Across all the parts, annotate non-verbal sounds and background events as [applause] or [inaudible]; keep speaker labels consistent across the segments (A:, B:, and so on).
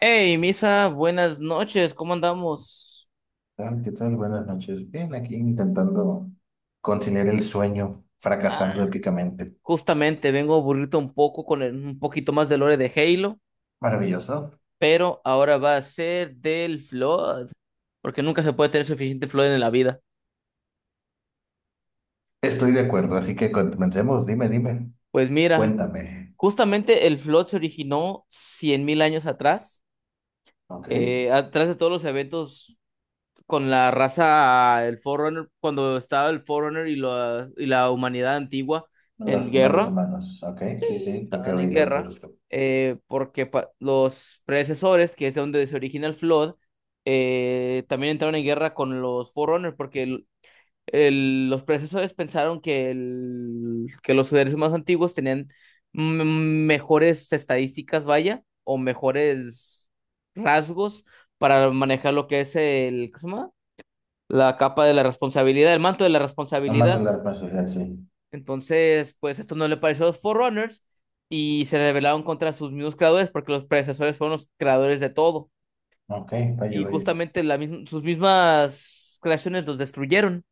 A: Hey, Misa, buenas noches, ¿cómo andamos?
B: Tal? ¿Qué tal? Buenas noches. Bien, aquí intentando conciliar el sueño,
A: Ah,
B: fracasando épicamente.
A: justamente vengo a un poco un poquito más de lore de Halo,
B: Maravilloso.
A: pero ahora va a ser del Flood, porque nunca se puede tener suficiente Flood en la vida.
B: Estoy de acuerdo, así que comencemos. Dime, dime.
A: Pues mira,
B: Cuéntame.
A: justamente el Flood se originó 100.000 años atrás,
B: Ok.
A: atrás de todos los eventos con la raza, el Forerunner, cuando estaba el Forerunner y la humanidad antigua
B: Los
A: en
B: primeros
A: guerra.
B: humanos. Ok. Sí, sí, creo que he
A: Estaban en
B: oído algo al
A: guerra,
B: respecto.
A: porque los predecesores, que es de donde se origina el Flood, también entraron en guerra con los Forerunners, porque los predecesores pensaron que los seres más antiguos tenían mejores estadísticas, vaya, o mejores rasgos para manejar lo que es el, ¿cómo se llama? La capa de la responsabilidad, el manto de la
B: No
A: responsabilidad.
B: mata la responsabilidad, sí.
A: Entonces, pues esto no le pareció a los Forerunners y se rebelaron contra sus mismos creadores porque los predecesores fueron los creadores de todo.
B: Ok, vaya,
A: Y
B: vaya.
A: justamente la misma- sus mismas creaciones los destruyeron.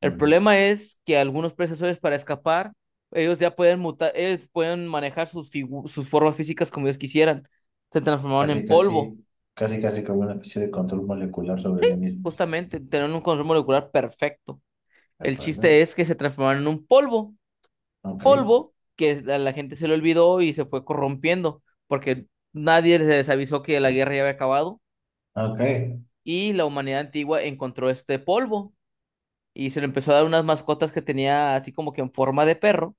A: El
B: Mm.
A: problema es que algunos predecesores, para escapar, ellos ya pueden mutar, ellos pueden manejar sus, sus formas físicas como ellos quisieran. Se transformaron
B: Casi,
A: en polvo,
B: casi, casi, casi como una especie de control molecular sobre sí mismos.
A: justamente, tenían un control molecular perfecto.
B: ¿De
A: El
B: acuerdo?
A: chiste es que se transformaron en un polvo,
B: Ok.
A: que a la gente se le olvidó y se fue corrompiendo, porque nadie les avisó que la guerra ya había acabado,
B: Ok.
A: y la humanidad antigua encontró este polvo y se le empezó a dar unas mascotas que tenía, así como que en forma de perro,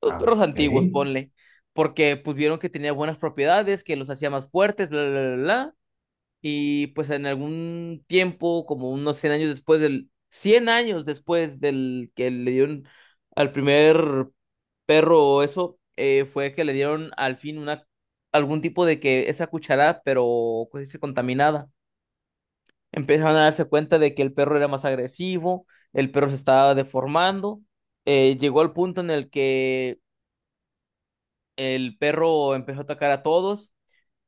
A: los
B: Ah,
A: perros antiguos,
B: ok.
A: ponle, porque pues vieron que tenía buenas propiedades, que los hacía más fuertes, bla, bla, bla, bla. Y pues en algún tiempo, como unos 100 años después del, 100 años después del que le dieron al primer perro eso, fue que le dieron al fin una, algún tipo de que esa cucharada, pero ¿cómo se dice?, contaminada. Empezaron a darse cuenta de que el perro era más agresivo, el perro se estaba deformando, llegó al punto en el que el perro empezó a atacar a todos,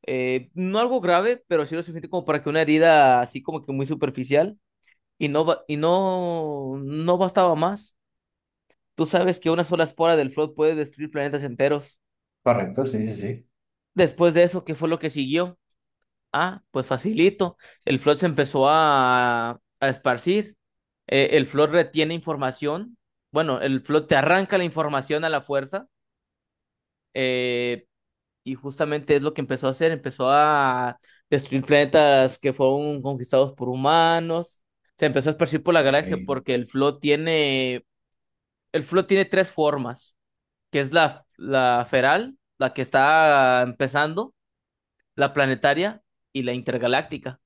A: no algo grave, pero sí lo suficiente como para que una herida así como que muy superficial. Y no, no, no bastaba más. Tú sabes que una sola espora del Flood puede destruir planetas enteros.
B: Correcto, sí, sí, sí.
A: Después de eso, ¿qué fue lo que siguió? Ah, pues facilito. El Flood se empezó a esparcir. El Flood retiene información. Bueno, el Flood te arranca la información a la fuerza. eh, y justamente es lo que empezó a hacer. Empezó a destruir planetas que fueron conquistados por humanos. Se empezó a esparcir por la galaxia
B: Ok.
A: porque el Flood tiene. El flow tiene tres formas, que es la, la feral, la que está empezando, la planetaria y la intergaláctica.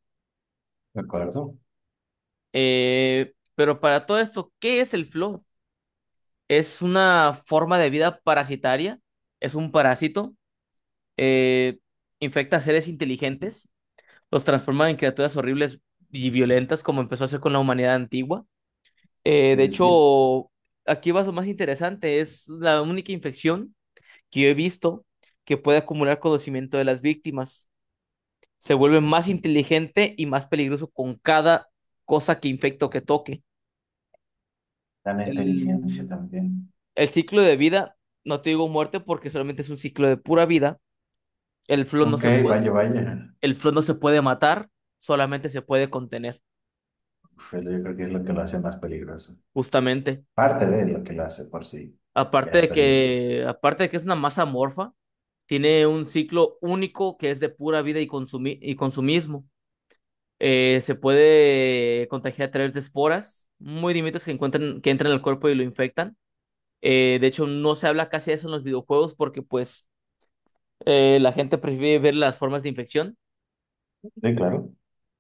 B: De acuerdo.
A: Pero para todo esto, ¿qué es el flow? Es una forma de vida parasitaria, es un parásito, eh, infecta a seres inteligentes, los transforma en criaturas horribles y violentas como empezó a hacer con la humanidad antigua. Eh,
B: Sí,
A: de
B: sí, sí.
A: hecho, aquí va lo más interesante, es la única infección que yo he visto que puede acumular conocimiento de las víctimas. Se vuelve más inteligente y más peligroso con cada cosa que infecta o que toque.
B: Gran inteligencia
A: El,
B: también.
A: el ciclo de vida, no te digo muerte porque solamente es un ciclo de pura vida. El flow no
B: Ok,
A: se puede,
B: vaya, vaya.
A: el flow no se puede matar, solamente se puede contener,
B: Uf, yo creo que es lo que lo hace más peligroso.
A: justamente.
B: Parte de lo que lo hace por sí. Ya es peligroso.
A: Aparte de que es una masa amorfa, tiene un ciclo único que es de pura vida y, consumismo. Se puede contagiar a través de esporas muy diminutas que encuentran, que entran al cuerpo y lo infectan. De hecho, no se habla casi de eso en los videojuegos porque pues la gente prefiere ver las formas de infección,
B: Sí, claro.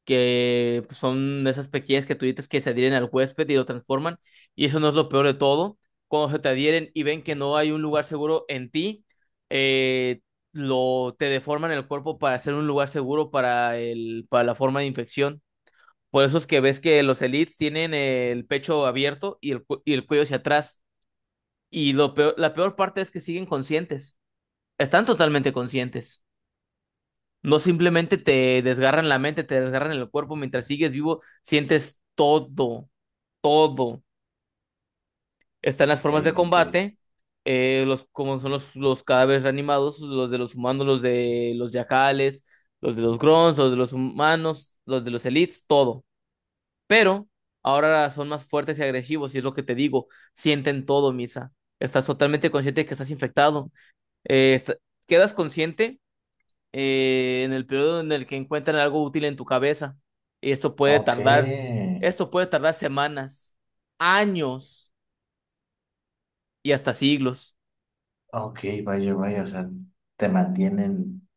A: que pues son esas pequeñas criaturitas que se adhieren al huésped y lo transforman. Y eso no es lo peor de todo. Cuando se te adhieren y ven que no hay un lugar seguro en ti, eh, te deforman el cuerpo para hacer un lugar seguro para, el, para la forma de infección. Por eso es que ves que los elites tienen el pecho abierto y el, y el cuello hacia atrás. Y lo peor, la peor parte es que siguen conscientes. Están totalmente conscientes. No simplemente te desgarran la mente, te desgarran el cuerpo. Mientras sigues vivo, sientes todo, todo. Están las
B: Ok,
A: formas de
B: ok.
A: combate, los, como son los cadáveres reanimados, los de los humanos, los de los yacales, los de los grons, los de los humanos, los de los elites, todo. Pero ahora son más fuertes y agresivos, y es lo que te digo, sienten todo, Misa. Estás totalmente consciente de que estás infectado. Eh, est- quedas consciente en el periodo en el que encuentran algo útil en tu cabeza. Y
B: Ok,
A: esto puede tardar semanas, años y hasta siglos.
B: ok, vaya, vaya. O sea, te mantienen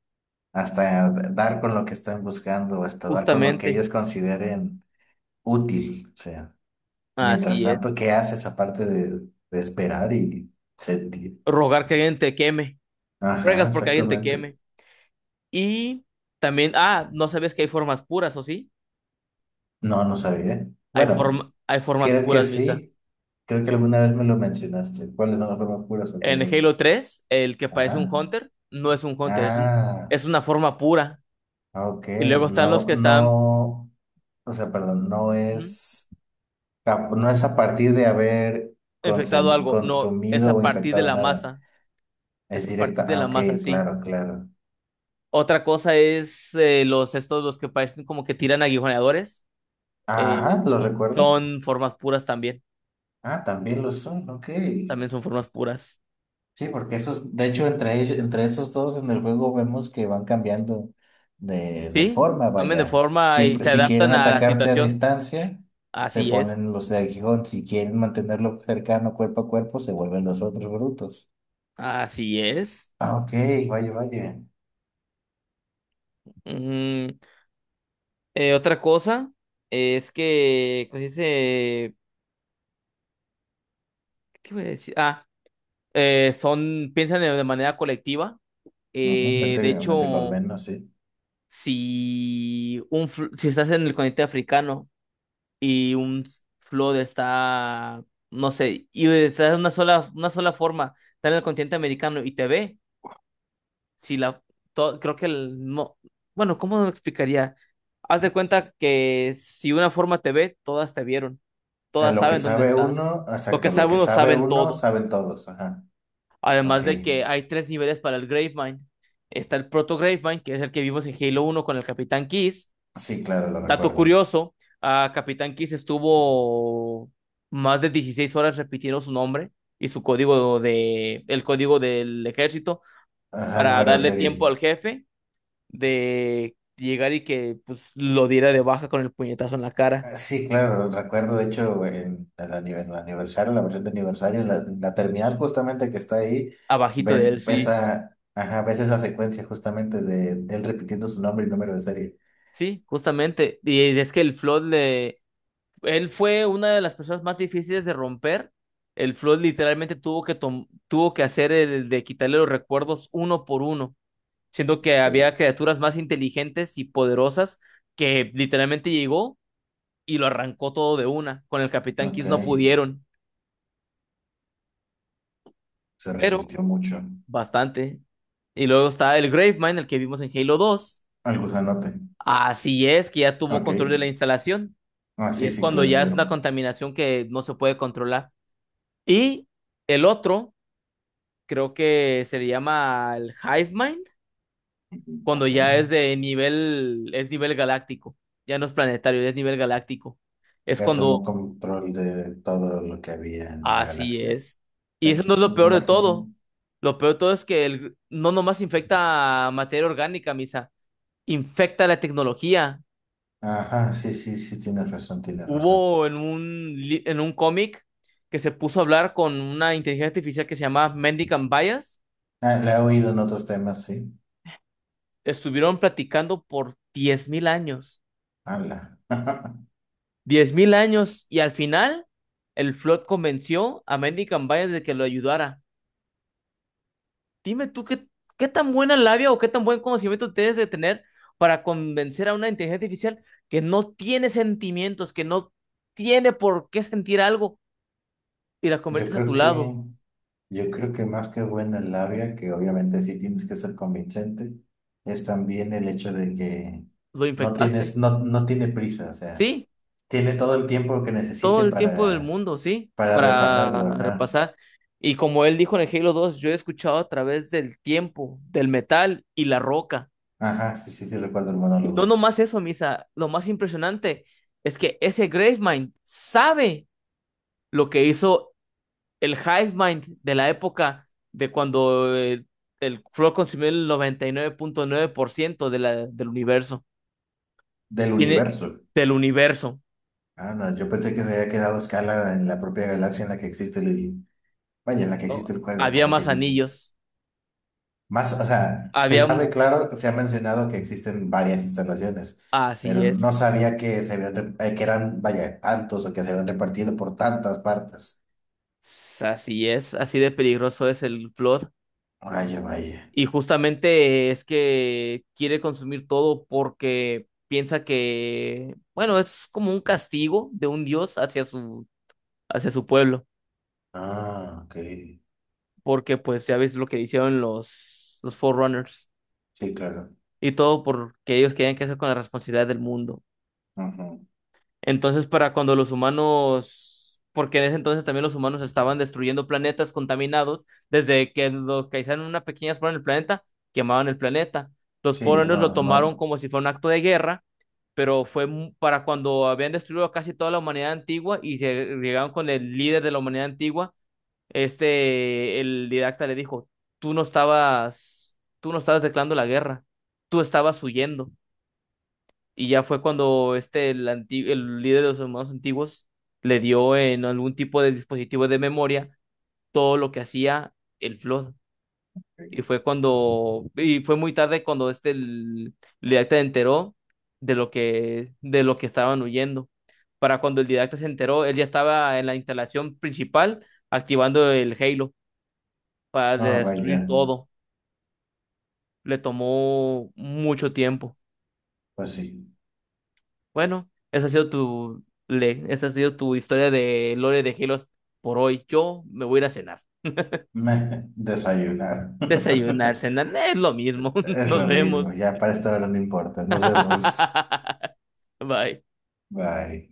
B: hasta dar con lo que están buscando o hasta dar con lo que
A: Justamente,
B: ellos consideren útil. O sea, mientras
A: así
B: tanto,
A: es.
B: ¿qué haces aparte de, esperar y sentir?
A: Rogar que alguien te queme.
B: Ajá,
A: Ruegas porque alguien te
B: exactamente.
A: queme. Y también, ah, no sabes que hay formas puras, ¿o sí?
B: No, no sabía.
A: Hay
B: Bueno,
A: forma, hay formas
B: creo que
A: puras, Misa.
B: sí. Creo que alguna vez me lo mencionaste. ¿Cuáles son las formas puras o qué
A: En
B: son?
A: Halo tres el que parece un
B: Ajá.
A: Hunter no es un Hunter, es un-
B: Ah,
A: es una forma pura.
B: ok.
A: Y luego están los
B: No,
A: que están,
B: no, o sea, perdón,
A: ujú,
B: no es a partir de haber
A: infectado algo. No, es
B: consumido
A: a
B: o
A: partir de
B: infectado
A: la
B: nada.
A: masa. Es
B: Es
A: a partir
B: directa.
A: de
B: Ah,
A: la
B: ok,
A: masa, sí.
B: claro, claro.
A: Otra cosa es, los estos, los que parecen como que tiran aguijoneadores. eh,
B: Ajá, ¿lo
A: pues
B: recuerdo?
A: son formas puras también.
B: Ah, también lo son, ok.
A: También son formas puras.
B: Sí, porque esos, de hecho, entre ellos, entre esos dos en el juego vemos que van cambiando de,
A: Sí,
B: forma,
A: cambian de
B: vaya.
A: forma
B: Si,
A: y se
B: si quieren
A: adaptan a la
B: atacarte a
A: situación.
B: distancia, se
A: Así es.
B: ponen los de aguijón. Si quieren mantenerlo cercano cuerpo a cuerpo, se vuelven los otros brutos.
A: Así es.
B: Ah, ok, vaya, vaya.
A: Mm, otra cosa es que, ¿cómo se dice? ¿Qué voy a decir? Ah, son, piensan de manera colectiva.
B: Ujú,
A: De
B: prácticamente
A: hecho,
B: colmeno, sí.
A: si, si estás en el continente africano y un flood está, no sé, y estás en una sola forma, está en el continente americano y te ve. Si la, to- creo que el, no, bueno, ¿cómo lo explicaría? Haz de cuenta que si una forma te ve, todas te vieron,
B: O sea,
A: todas
B: lo que
A: saben dónde
B: sabe
A: estás.
B: uno,
A: Lo que
B: exacto, lo
A: sabe
B: que
A: uno,
B: sabe
A: saben
B: uno,
A: todos.
B: saben todos, ajá. Ok.
A: Además de que hay tres niveles para el Gravemind. Está el Proto Gravemind, que es el que vimos en Halo uno con el Capitán Kiss.
B: Sí, claro, lo
A: Dato
B: recuerdo.
A: curioso, a Capitán Kiss estuvo más de 16 horas repitiendo su nombre y su código de, el código del ejército
B: Ajá, el
A: para
B: número de
A: darle tiempo
B: serie.
A: al jefe de llegar y que pues lo diera de baja con el puñetazo en la cara,
B: Ah, sí, claro, recuerdo, de hecho, en el aniversario, la versión de aniversario, la terminal justamente que está ahí,
A: abajito de
B: ves
A: él, sí.
B: esa, ajá, ves esa secuencia justamente de él repitiendo su nombre y número de serie.
A: Sí, justamente. Y es que el Flood le... Él fue una de las personas más difíciles de romper. El Flood literalmente tuvo que, tuvo que hacer el de quitarle los recuerdos uno por uno, siendo que había
B: Sí.
A: criaturas más inteligentes y poderosas que literalmente llegó y lo arrancó todo de una. Con el Capitán
B: Ok,
A: Kiss no pudieron.
B: se
A: Pero
B: resistió mucho
A: bastante. Y luego está el Gravemind, el que vimos en Halo dos.
B: al gusanote.
A: Así es, que ya tomó
B: Ok,
A: control de la instalación.
B: ah,
A: Y
B: sí,
A: es
B: sí,
A: cuando
B: claro,
A: ya es
B: claro.
A: una contaminación que no se puede controlar. Y el otro, creo que se le llama el Hivemind, cuando
B: Ok,
A: ya es de nivel, es nivel galáctico. Ya no es planetario, ya es nivel galáctico. Es
B: ya
A: cuando,
B: tomó control de todo lo que había en la
A: así
B: galaxia.
A: es. Y eso no es
B: Me
A: lo peor de
B: imagino.
A: todo. Lo peor de todo es que el, no nomás infecta materia orgánica, Misa, infecta la tecnología.
B: Ajá, sí, sí, sí, tienes razón, tienes razón.
A: Hubo en un, en un cómic que se puso a hablar con una inteligencia artificial que se llamaba Mendicant Bias.
B: Ah, la he oído en otros temas, sí.
A: Estuvieron platicando por 10.000 años.
B: Ala. [laughs]
A: 10.000 años. Y al final, el Flood convenció a Mendicant Bias de que lo ayudara. Dime tú qué, qué tan buena labia o qué tan buen conocimiento tienes de tener para convencer a una inteligencia artificial que no tiene sentimientos, que no tiene por qué sentir algo y la
B: Yo
A: conviertes a tu
B: creo que,
A: lado.
B: yo creo que más que buena labia, que obviamente sí tienes que ser convincente, es también el hecho de que
A: Lo
B: no
A: infectaste.
B: tienes, no, no tiene prisa, o sea,
A: Sí,
B: tiene todo el tiempo que
A: todo
B: necesite
A: el tiempo del
B: para,
A: mundo, ¿sí?
B: para repasarlo,
A: Para
B: ajá.
A: repasar. Y como él dijo en el Halo dos, yo he escuchado a través del tiempo, del metal y la roca.
B: Ajá, sí, sí, sí, recuerdo el
A: Y no
B: monólogo.
A: nomás eso, Misa, lo más impresionante es que ese Gravemind sabe lo que hizo el Hivemind de la época de cuando el Flow consumió el noventa y nueve punto nueve por ciento de la, del universo.
B: Del
A: Tiene
B: universo.
A: del universo,
B: Ah, no, yo pensé que se había quedado a escala en la propia galaxia en la que existe el, vaya, en la que existe
A: ¿no?
B: el juego,
A: Había
B: como
A: más
B: quien dice.
A: anillos,
B: Más, o sea, se
A: había...
B: sabe claro, se ha mencionado que existen varias instalaciones,
A: Así
B: pero no
A: es.
B: sabía que se habían, que eran, vaya, tantos o que se habían repartido por tantas partes.
A: S- Así es, así de peligroso es el Flood.
B: Vaya, vaya.
A: Y justamente es que quiere consumir todo porque piensa que, bueno, es como un castigo de un dios hacia su pueblo.
B: Ah, ok.
A: Porque pues ya ves lo que hicieron los Forerunners.
B: Sí, claro.
A: Y todo porque ellos querían que hacer con la responsabilidad del mundo.
B: Ujú.
A: Entonces, para cuando los humanos, porque en ese entonces también los humanos estaban destruyendo planetas contaminados, desde que localizaron una pequeña explosión en el planeta, quemaban el planeta. Los
B: Sí,
A: foreigners
B: no,
A: lo
B: no.
A: tomaron como si fuera un acto de guerra, pero fue mu- para cuando habían destruido casi toda la humanidad antigua y se llegaron con el líder de la humanidad antigua, este, el didacta le dijo, tú no estabas declarando la guerra, tú estabas huyendo. Y ya fue cuando este, el, el líder de los hermanos antiguos le dio en algún tipo de dispositivo de memoria todo lo que hacía el Flood. Y fue cuando, y fue muy tarde cuando este el didacta enteró de lo que estaban huyendo. Para cuando el didacta se enteró, él ya estaba en la instalación principal activando el Halo para
B: Ah,
A: destruir
B: vaya.
A: todo. Le tomó mucho tiempo.
B: Pues sí.
A: Bueno, esa ha sido tu historia de Lore de Helos por hoy. Yo me voy a ir a cenar.
B: Me desayunar.
A: Desayunar,
B: [laughs]
A: cenar, es lo mismo. [laughs]
B: Es
A: Nos
B: lo mismo.
A: vemos.
B: Ya para esta hora no importa. Nos vemos.
A: [laughs] Bye.
B: Bye.